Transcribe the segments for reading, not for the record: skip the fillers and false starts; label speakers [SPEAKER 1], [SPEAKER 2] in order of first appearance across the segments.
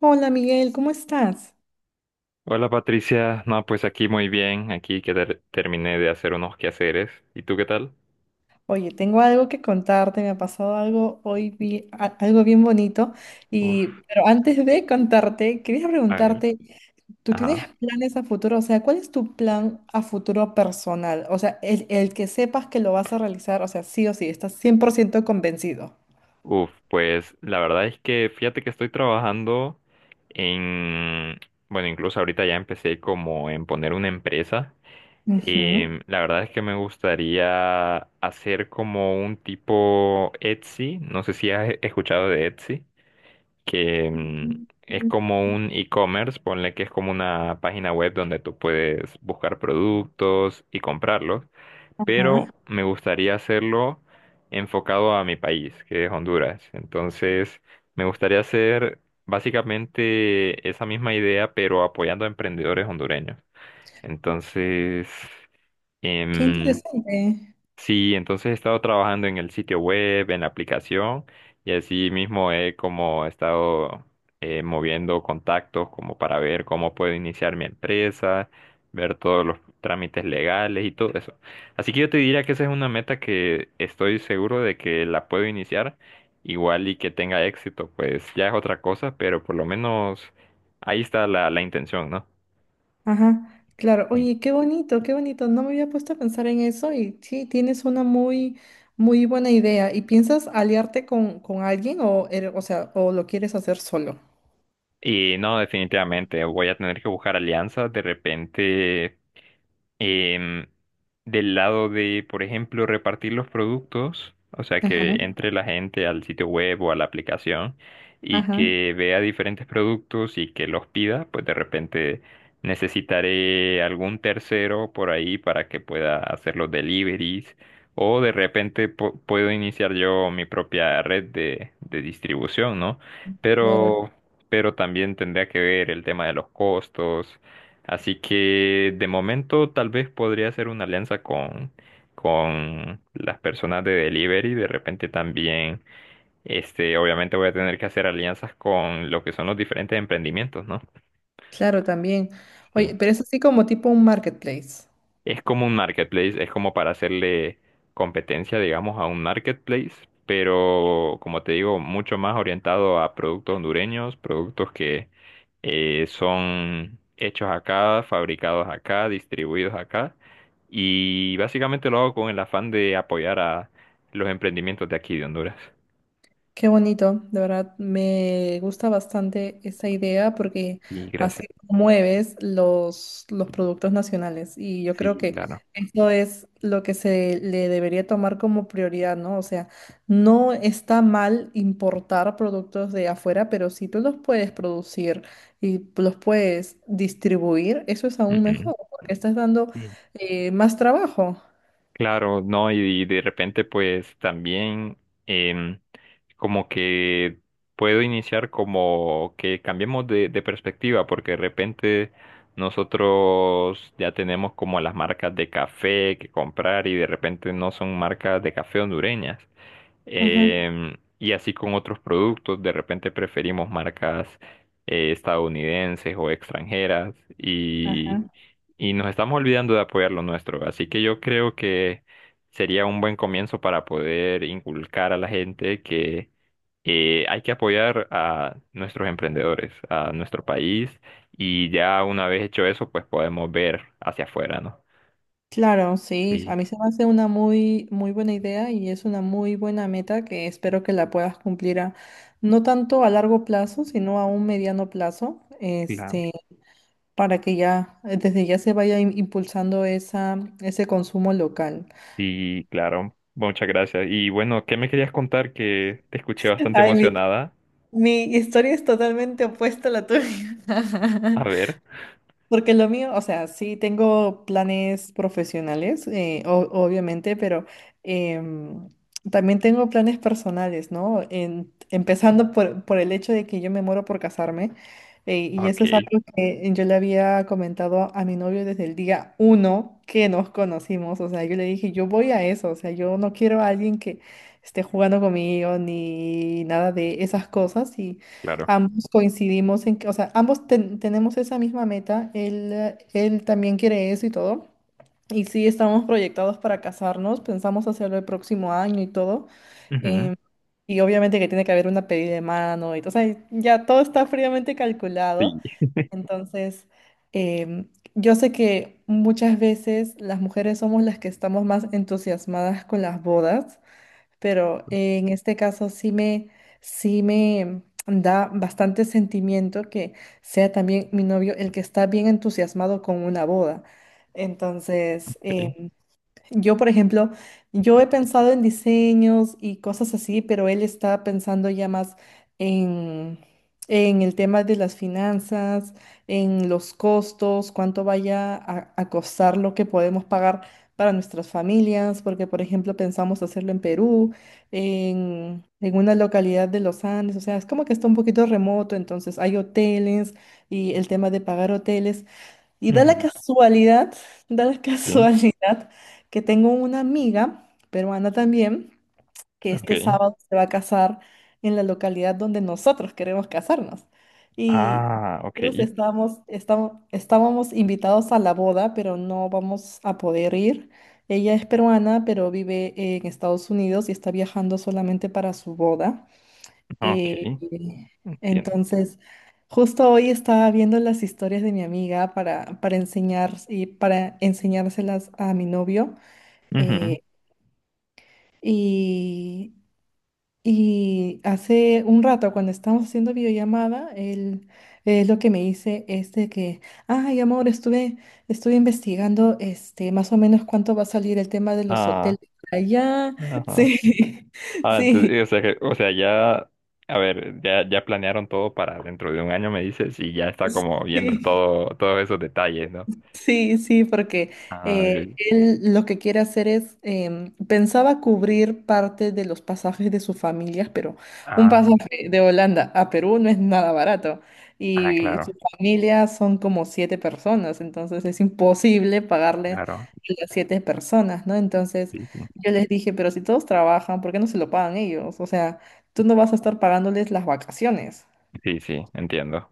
[SPEAKER 1] Hola Miguel, ¿cómo estás?
[SPEAKER 2] Hola Patricia, no, pues aquí muy bien, aquí que terminé de hacer unos quehaceres. ¿Y tú qué tal?
[SPEAKER 1] Oye, tengo algo que contarte, me ha pasado algo hoy, algo bien bonito,
[SPEAKER 2] Uf,
[SPEAKER 1] pero antes de contarte, quería
[SPEAKER 2] a ver,
[SPEAKER 1] preguntarte, ¿tú tienes
[SPEAKER 2] ajá.
[SPEAKER 1] planes a futuro? O sea, ¿cuál es tu plan a futuro personal? O sea, el que sepas que lo vas a realizar, o sea, sí o sí, estás 100% convencido.
[SPEAKER 2] Uf, pues la verdad es que fíjate que estoy trabajando en, bueno, incluso ahorita ya empecé como en poner una empresa. Y
[SPEAKER 1] Ujú.
[SPEAKER 2] la verdad es que me gustaría hacer como un tipo Etsy, no sé si has escuchado de Etsy. Que
[SPEAKER 1] Mm.
[SPEAKER 2] es como un e-commerce, ponle que es como una página web donde tú puedes buscar productos y comprarlos,
[SPEAKER 1] Ajá.
[SPEAKER 2] pero me gustaría hacerlo enfocado a mi país, que es Honduras. Entonces, me gustaría hacer básicamente esa misma idea, pero apoyando a emprendedores hondureños. Entonces,
[SPEAKER 1] Qué
[SPEAKER 2] em,
[SPEAKER 1] interesante.
[SPEAKER 2] sí, entonces he estado trabajando en el sitio web, en la aplicación, y así mismo he como estado moviendo contactos como para ver cómo puedo iniciar mi empresa, ver todos los trámites legales y todo eso. Así que yo te diría que esa es una meta que estoy seguro de que la puedo iniciar, igual y que tenga éxito, pues ya es otra cosa, pero por lo menos ahí está la intención, ¿no?
[SPEAKER 1] Ajá, claro. Oye, qué bonito, qué bonito. No me había puesto a pensar en eso y sí, tienes una muy, muy buena idea. ¿Y piensas aliarte con alguien o sea, o lo quieres hacer solo?
[SPEAKER 2] Y no, definitivamente voy a tener que buscar alianzas de repente em, del lado de, por ejemplo, repartir los productos, o sea, que
[SPEAKER 1] Ajá,
[SPEAKER 2] entre la gente al sitio web o a la aplicación y
[SPEAKER 1] ajá,
[SPEAKER 2] que vea diferentes productos y que los pida, pues de repente necesitaré algún tercero por ahí para que pueda hacer los deliveries o de repente puedo iniciar yo mi propia red de distribución, ¿no?
[SPEAKER 1] claro,
[SPEAKER 2] Pero, pero también tendría que ver el tema de los costos. Así que de momento tal vez podría hacer una alianza con las personas de delivery. De repente también, este, obviamente voy a tener que hacer alianzas con lo que son los diferentes emprendimientos, ¿no?
[SPEAKER 1] claro, también. Oye,
[SPEAKER 2] Sí.
[SPEAKER 1] pero es así como tipo un marketplace.
[SPEAKER 2] Es como un marketplace, es como para hacerle competencia, digamos, a un marketplace, pero como te digo, mucho más orientado a productos hondureños, productos que son hechos acá, fabricados acá, distribuidos acá. Y básicamente lo hago con el afán de apoyar a los emprendimientos de aquí de Honduras.
[SPEAKER 1] Qué bonito, de verdad me gusta bastante esa idea porque
[SPEAKER 2] Y
[SPEAKER 1] así
[SPEAKER 2] gracias.
[SPEAKER 1] promueves los productos nacionales y yo creo
[SPEAKER 2] Sí,
[SPEAKER 1] que
[SPEAKER 2] claro.
[SPEAKER 1] eso es lo que se le debería tomar como prioridad, ¿no? O sea, no está mal importar productos de afuera, pero si tú los puedes producir y los puedes distribuir, eso es aún
[SPEAKER 2] Ujú.
[SPEAKER 1] mejor porque estás dando
[SPEAKER 2] Sí.
[SPEAKER 1] más trabajo.
[SPEAKER 2] Claro, no, y de repente pues también em, como que puedo iniciar como que cambiemos de perspectiva, porque de repente nosotros ya tenemos como las marcas de café que comprar y de repente no son marcas de café hondureñas.
[SPEAKER 1] Ajá.
[SPEAKER 2] Em, y así con otros productos, de repente preferimos marcas estadounidenses o extranjeras
[SPEAKER 1] Ajá.
[SPEAKER 2] y nos estamos olvidando de apoyar lo nuestro. Así que yo creo que sería un buen comienzo para poder inculcar a la gente que hay que apoyar a nuestros emprendedores, a nuestro país y ya una vez hecho eso, pues podemos ver hacia afuera, ¿no?
[SPEAKER 1] Claro, sí,
[SPEAKER 2] Sí,
[SPEAKER 1] a mí se me hace una muy, muy buena idea y es una muy buena meta que espero que la puedas cumplir no tanto a largo plazo, sino a un mediano plazo,
[SPEAKER 2] claro.
[SPEAKER 1] este, para que ya, desde ya se vaya impulsando ese consumo local.
[SPEAKER 2] Sí, claro. Muchas gracias. Y bueno, ¿qué me querías contar? Que te escuché bastante
[SPEAKER 1] Ay, mi,
[SPEAKER 2] emocionada.
[SPEAKER 1] mi historia es totalmente opuesta a la tuya.
[SPEAKER 2] A ver.
[SPEAKER 1] Porque lo mío, o sea, sí tengo planes profesionales, obviamente, pero em, también tengo planes personales, ¿no? En- empezando por el hecho de que yo me muero por casarme, y
[SPEAKER 2] Ok,
[SPEAKER 1] eso es algo que yo le había comentado a mi novio desde el día uno que nos conocimos, o sea, yo le dije, yo voy a eso, o sea, yo no quiero a alguien que esté jugando conmigo ni nada de esas cosas.
[SPEAKER 2] claro.
[SPEAKER 1] Ambos coincidimos en que, o sea, ambos tenemos esa misma meta, él también quiere eso y todo. Y sí, estamos proyectados para casarnos, pensamos hacerlo el próximo año y todo.
[SPEAKER 2] Ujú.
[SPEAKER 1] em, y obviamente que tiene que haber una pedida de mano y todo, o sea, ya todo está fríamente calculado.
[SPEAKER 2] Sí,
[SPEAKER 1] Entonces, em, yo sé que muchas veces las mujeres somos las que estamos más entusiasmadas con las bodas, pero en este caso sí me da bastante sentimiento que sea también mi novio el que está bien entusiasmado con una boda. Entonces,
[SPEAKER 2] sí.
[SPEAKER 1] yo, por ejemplo, yo he pensado en diseños y cosas así, pero él está pensando ya más en, en el tema de las finanzas, en los costos, cuánto vaya a costar lo que podemos pagar para nuestras familias, porque, por ejemplo, pensamos hacerlo en Perú, en una localidad de los Andes, o sea, es como que está un poquito remoto, entonces hay hoteles y el tema de pagar hoteles. Y da la
[SPEAKER 2] Ujú.
[SPEAKER 1] casualidad, da la
[SPEAKER 2] Sí,
[SPEAKER 1] casualidad que tengo una amiga peruana también, que este
[SPEAKER 2] ok.
[SPEAKER 1] sábado se va a casar en la localidad donde nosotros queremos casarnos. Y
[SPEAKER 2] Ah, ok.
[SPEAKER 1] nosotros estábamos invitados a la boda, pero no vamos a poder ir. Ella es peruana, pero vive en Estados Unidos y está viajando solamente para su boda.
[SPEAKER 2] Ok,
[SPEAKER 1] Eh,
[SPEAKER 2] entiendo.
[SPEAKER 1] entonces, justo hoy estaba viendo las historias de mi amiga para, enseñar y para enseñárselas a mi novio.
[SPEAKER 2] Ujú.
[SPEAKER 1] eh, y, y hace un rato, cuando estábamos haciendo videollamada, él lo que me dice es de que, ay, amor, estuve investigando este, más o menos cuánto va a salir el tema de los
[SPEAKER 2] Ah,
[SPEAKER 1] hoteles allá.
[SPEAKER 2] ajá.
[SPEAKER 1] Sí,
[SPEAKER 2] Sí. Ah,
[SPEAKER 1] sí.
[SPEAKER 2] entonces, o sea o sea, ya, a ver, ya, ya planearon todo para dentro de un año, me dices, y ya está como viendo
[SPEAKER 1] Sí.
[SPEAKER 2] todo, todos esos detalles, ¿no?
[SPEAKER 1] Sí, sí, porque
[SPEAKER 2] Ah,
[SPEAKER 1] eh,
[SPEAKER 2] ok.
[SPEAKER 1] él lo que quiere hacer es, pensaba cubrir parte de los pasajes de sus familias, pero un
[SPEAKER 2] Ah,
[SPEAKER 1] pasaje de Holanda a Perú no es nada barato.
[SPEAKER 2] ah,
[SPEAKER 1] Y su
[SPEAKER 2] claro,
[SPEAKER 1] familia son como siete personas, entonces es imposible pagarles
[SPEAKER 2] claro.
[SPEAKER 1] a las siete personas, ¿no? Entonces
[SPEAKER 2] Sí, sí.
[SPEAKER 1] yo les dije, pero si todos trabajan, ¿por qué no se lo pagan ellos? O sea, tú no vas a estar pagándoles las vacaciones.
[SPEAKER 2] Sí, sí, entiendo.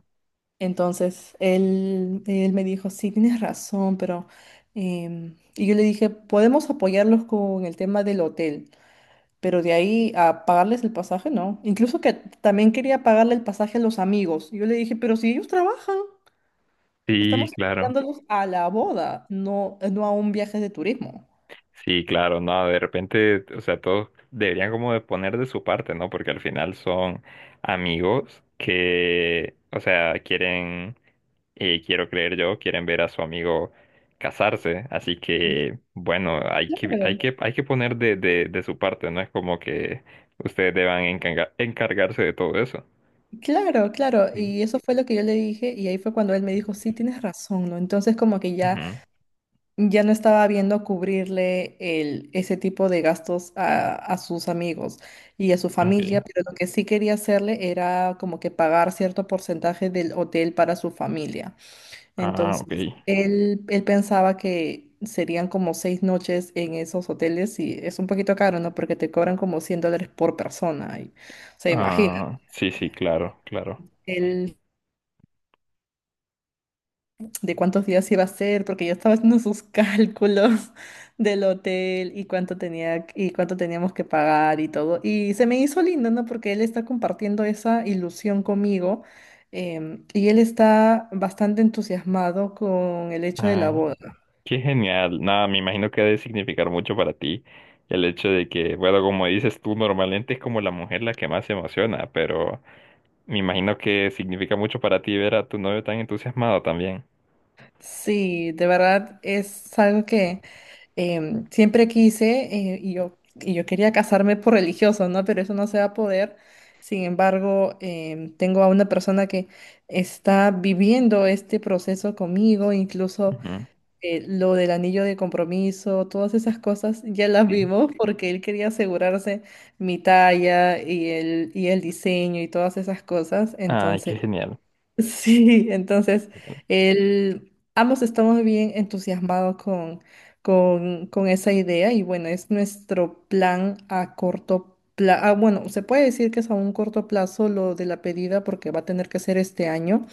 [SPEAKER 1] Entonces él me dijo, sí, tienes razón, pero... y yo le dije, podemos apoyarlos con el tema del hotel, pero de ahí a pagarles el pasaje, no. Incluso que también quería pagarle el pasaje a los amigos. Y yo le dije, pero si ellos trabajan,
[SPEAKER 2] Sí,
[SPEAKER 1] estamos
[SPEAKER 2] claro.
[SPEAKER 1] invitándolos a la boda, no, no a un viaje de turismo.
[SPEAKER 2] Sí, claro, no, de repente, o sea, todos deberían como de poner de su parte, ¿no? Porque al final son amigos que, o sea, quieren, quiero creer yo, quieren ver a su amigo casarse, así que, bueno, hay que,
[SPEAKER 1] Claro,
[SPEAKER 2] hay que, hay que poner de, de su parte, no es como que ustedes deban encargarse de todo eso.
[SPEAKER 1] claro, claro.
[SPEAKER 2] Sí.
[SPEAKER 1] Y eso fue lo que yo le dije y ahí fue cuando él me dijo, sí, tienes razón, ¿no? Entonces como que ya...
[SPEAKER 2] Ujú.
[SPEAKER 1] ya no estaba viendo cubrirle ese tipo de gastos a sus amigos y a su familia,
[SPEAKER 2] Ok.
[SPEAKER 1] pero lo que sí quería hacerle era como que pagar cierto porcentaje del hotel para su familia.
[SPEAKER 2] Ah, ok.
[SPEAKER 1] Entonces, él pensaba que serían como seis noches en esos hoteles y es un poquito caro, ¿no? Porque te cobran como 100 dólares por persona. O sea, imagina,
[SPEAKER 2] Ah, sí, sí, claro, claro.
[SPEAKER 1] él de cuántos días iba a ser, porque yo estaba haciendo sus cálculos del hotel y cuánto tenía y cuánto teníamos que pagar y todo. Y se me hizo lindo, ¿no? Porque él está compartiendo esa ilusión conmigo, y él está bastante entusiasmado con el hecho de la
[SPEAKER 2] Ah,
[SPEAKER 1] boda.
[SPEAKER 2] qué genial. Nada, me imagino que ha de significar mucho para ti el hecho de que, bueno, como dices tú, normalmente es como la mujer la que más se emociona, pero me imagino que significa mucho para ti ver a tu novio tan entusiasmado también.
[SPEAKER 1] Sí, de verdad es algo que siempre quise, y yo quería casarme por religioso, ¿no? Pero eso no se va a poder. Sin embargo, tengo a una persona que está viviendo este proceso conmigo, incluso
[SPEAKER 2] Ujú.
[SPEAKER 1] lo del anillo de compromiso, todas esas cosas ya las
[SPEAKER 2] Sí.
[SPEAKER 1] vimos porque él quería asegurarse mi talla y y el, diseño y todas esas cosas.
[SPEAKER 2] Ay,
[SPEAKER 1] Entonces,
[SPEAKER 2] qué genial.
[SPEAKER 1] Sí, entonces ambos estamos bien entusiasmados con esa idea y bueno, es nuestro plan a corto plazo. Bueno, se puede decir que es a un corto plazo lo de la pedida porque va a tener que ser este año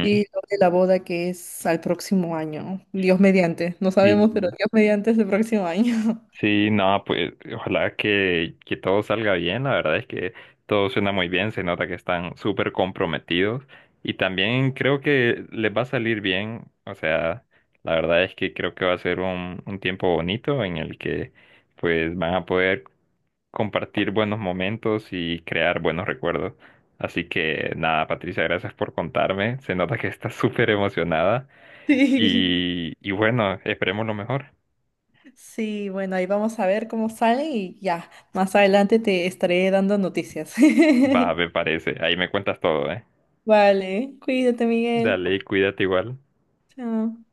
[SPEAKER 1] y lo de la boda que es al próximo año. Dios mediante, no sabemos, pero
[SPEAKER 2] Sí.
[SPEAKER 1] Dios mediante es el próximo año.
[SPEAKER 2] Sí, no, pues ojalá que todo salga bien. La verdad es que todo suena muy bien, se nota que están súper comprometidos y también creo que les va a salir bien. O sea, la verdad es que creo que va a ser un tiempo bonito en el que pues van a poder compartir buenos momentos y crear buenos recuerdos. Así que nada, Patricia, gracias por contarme. Se nota que estás súper emocionada
[SPEAKER 1] Sí,
[SPEAKER 2] y bueno, esperemos lo mejor.
[SPEAKER 1] sí, bueno, ahí vamos a ver cómo sale y ya, más adelante te estaré dando noticias.
[SPEAKER 2] Va, me parece. Ahí me cuentas todo, ¿eh?
[SPEAKER 1] Vale, cuídate, Miguel.
[SPEAKER 2] Dale, y cuídate igual.
[SPEAKER 1] Chao.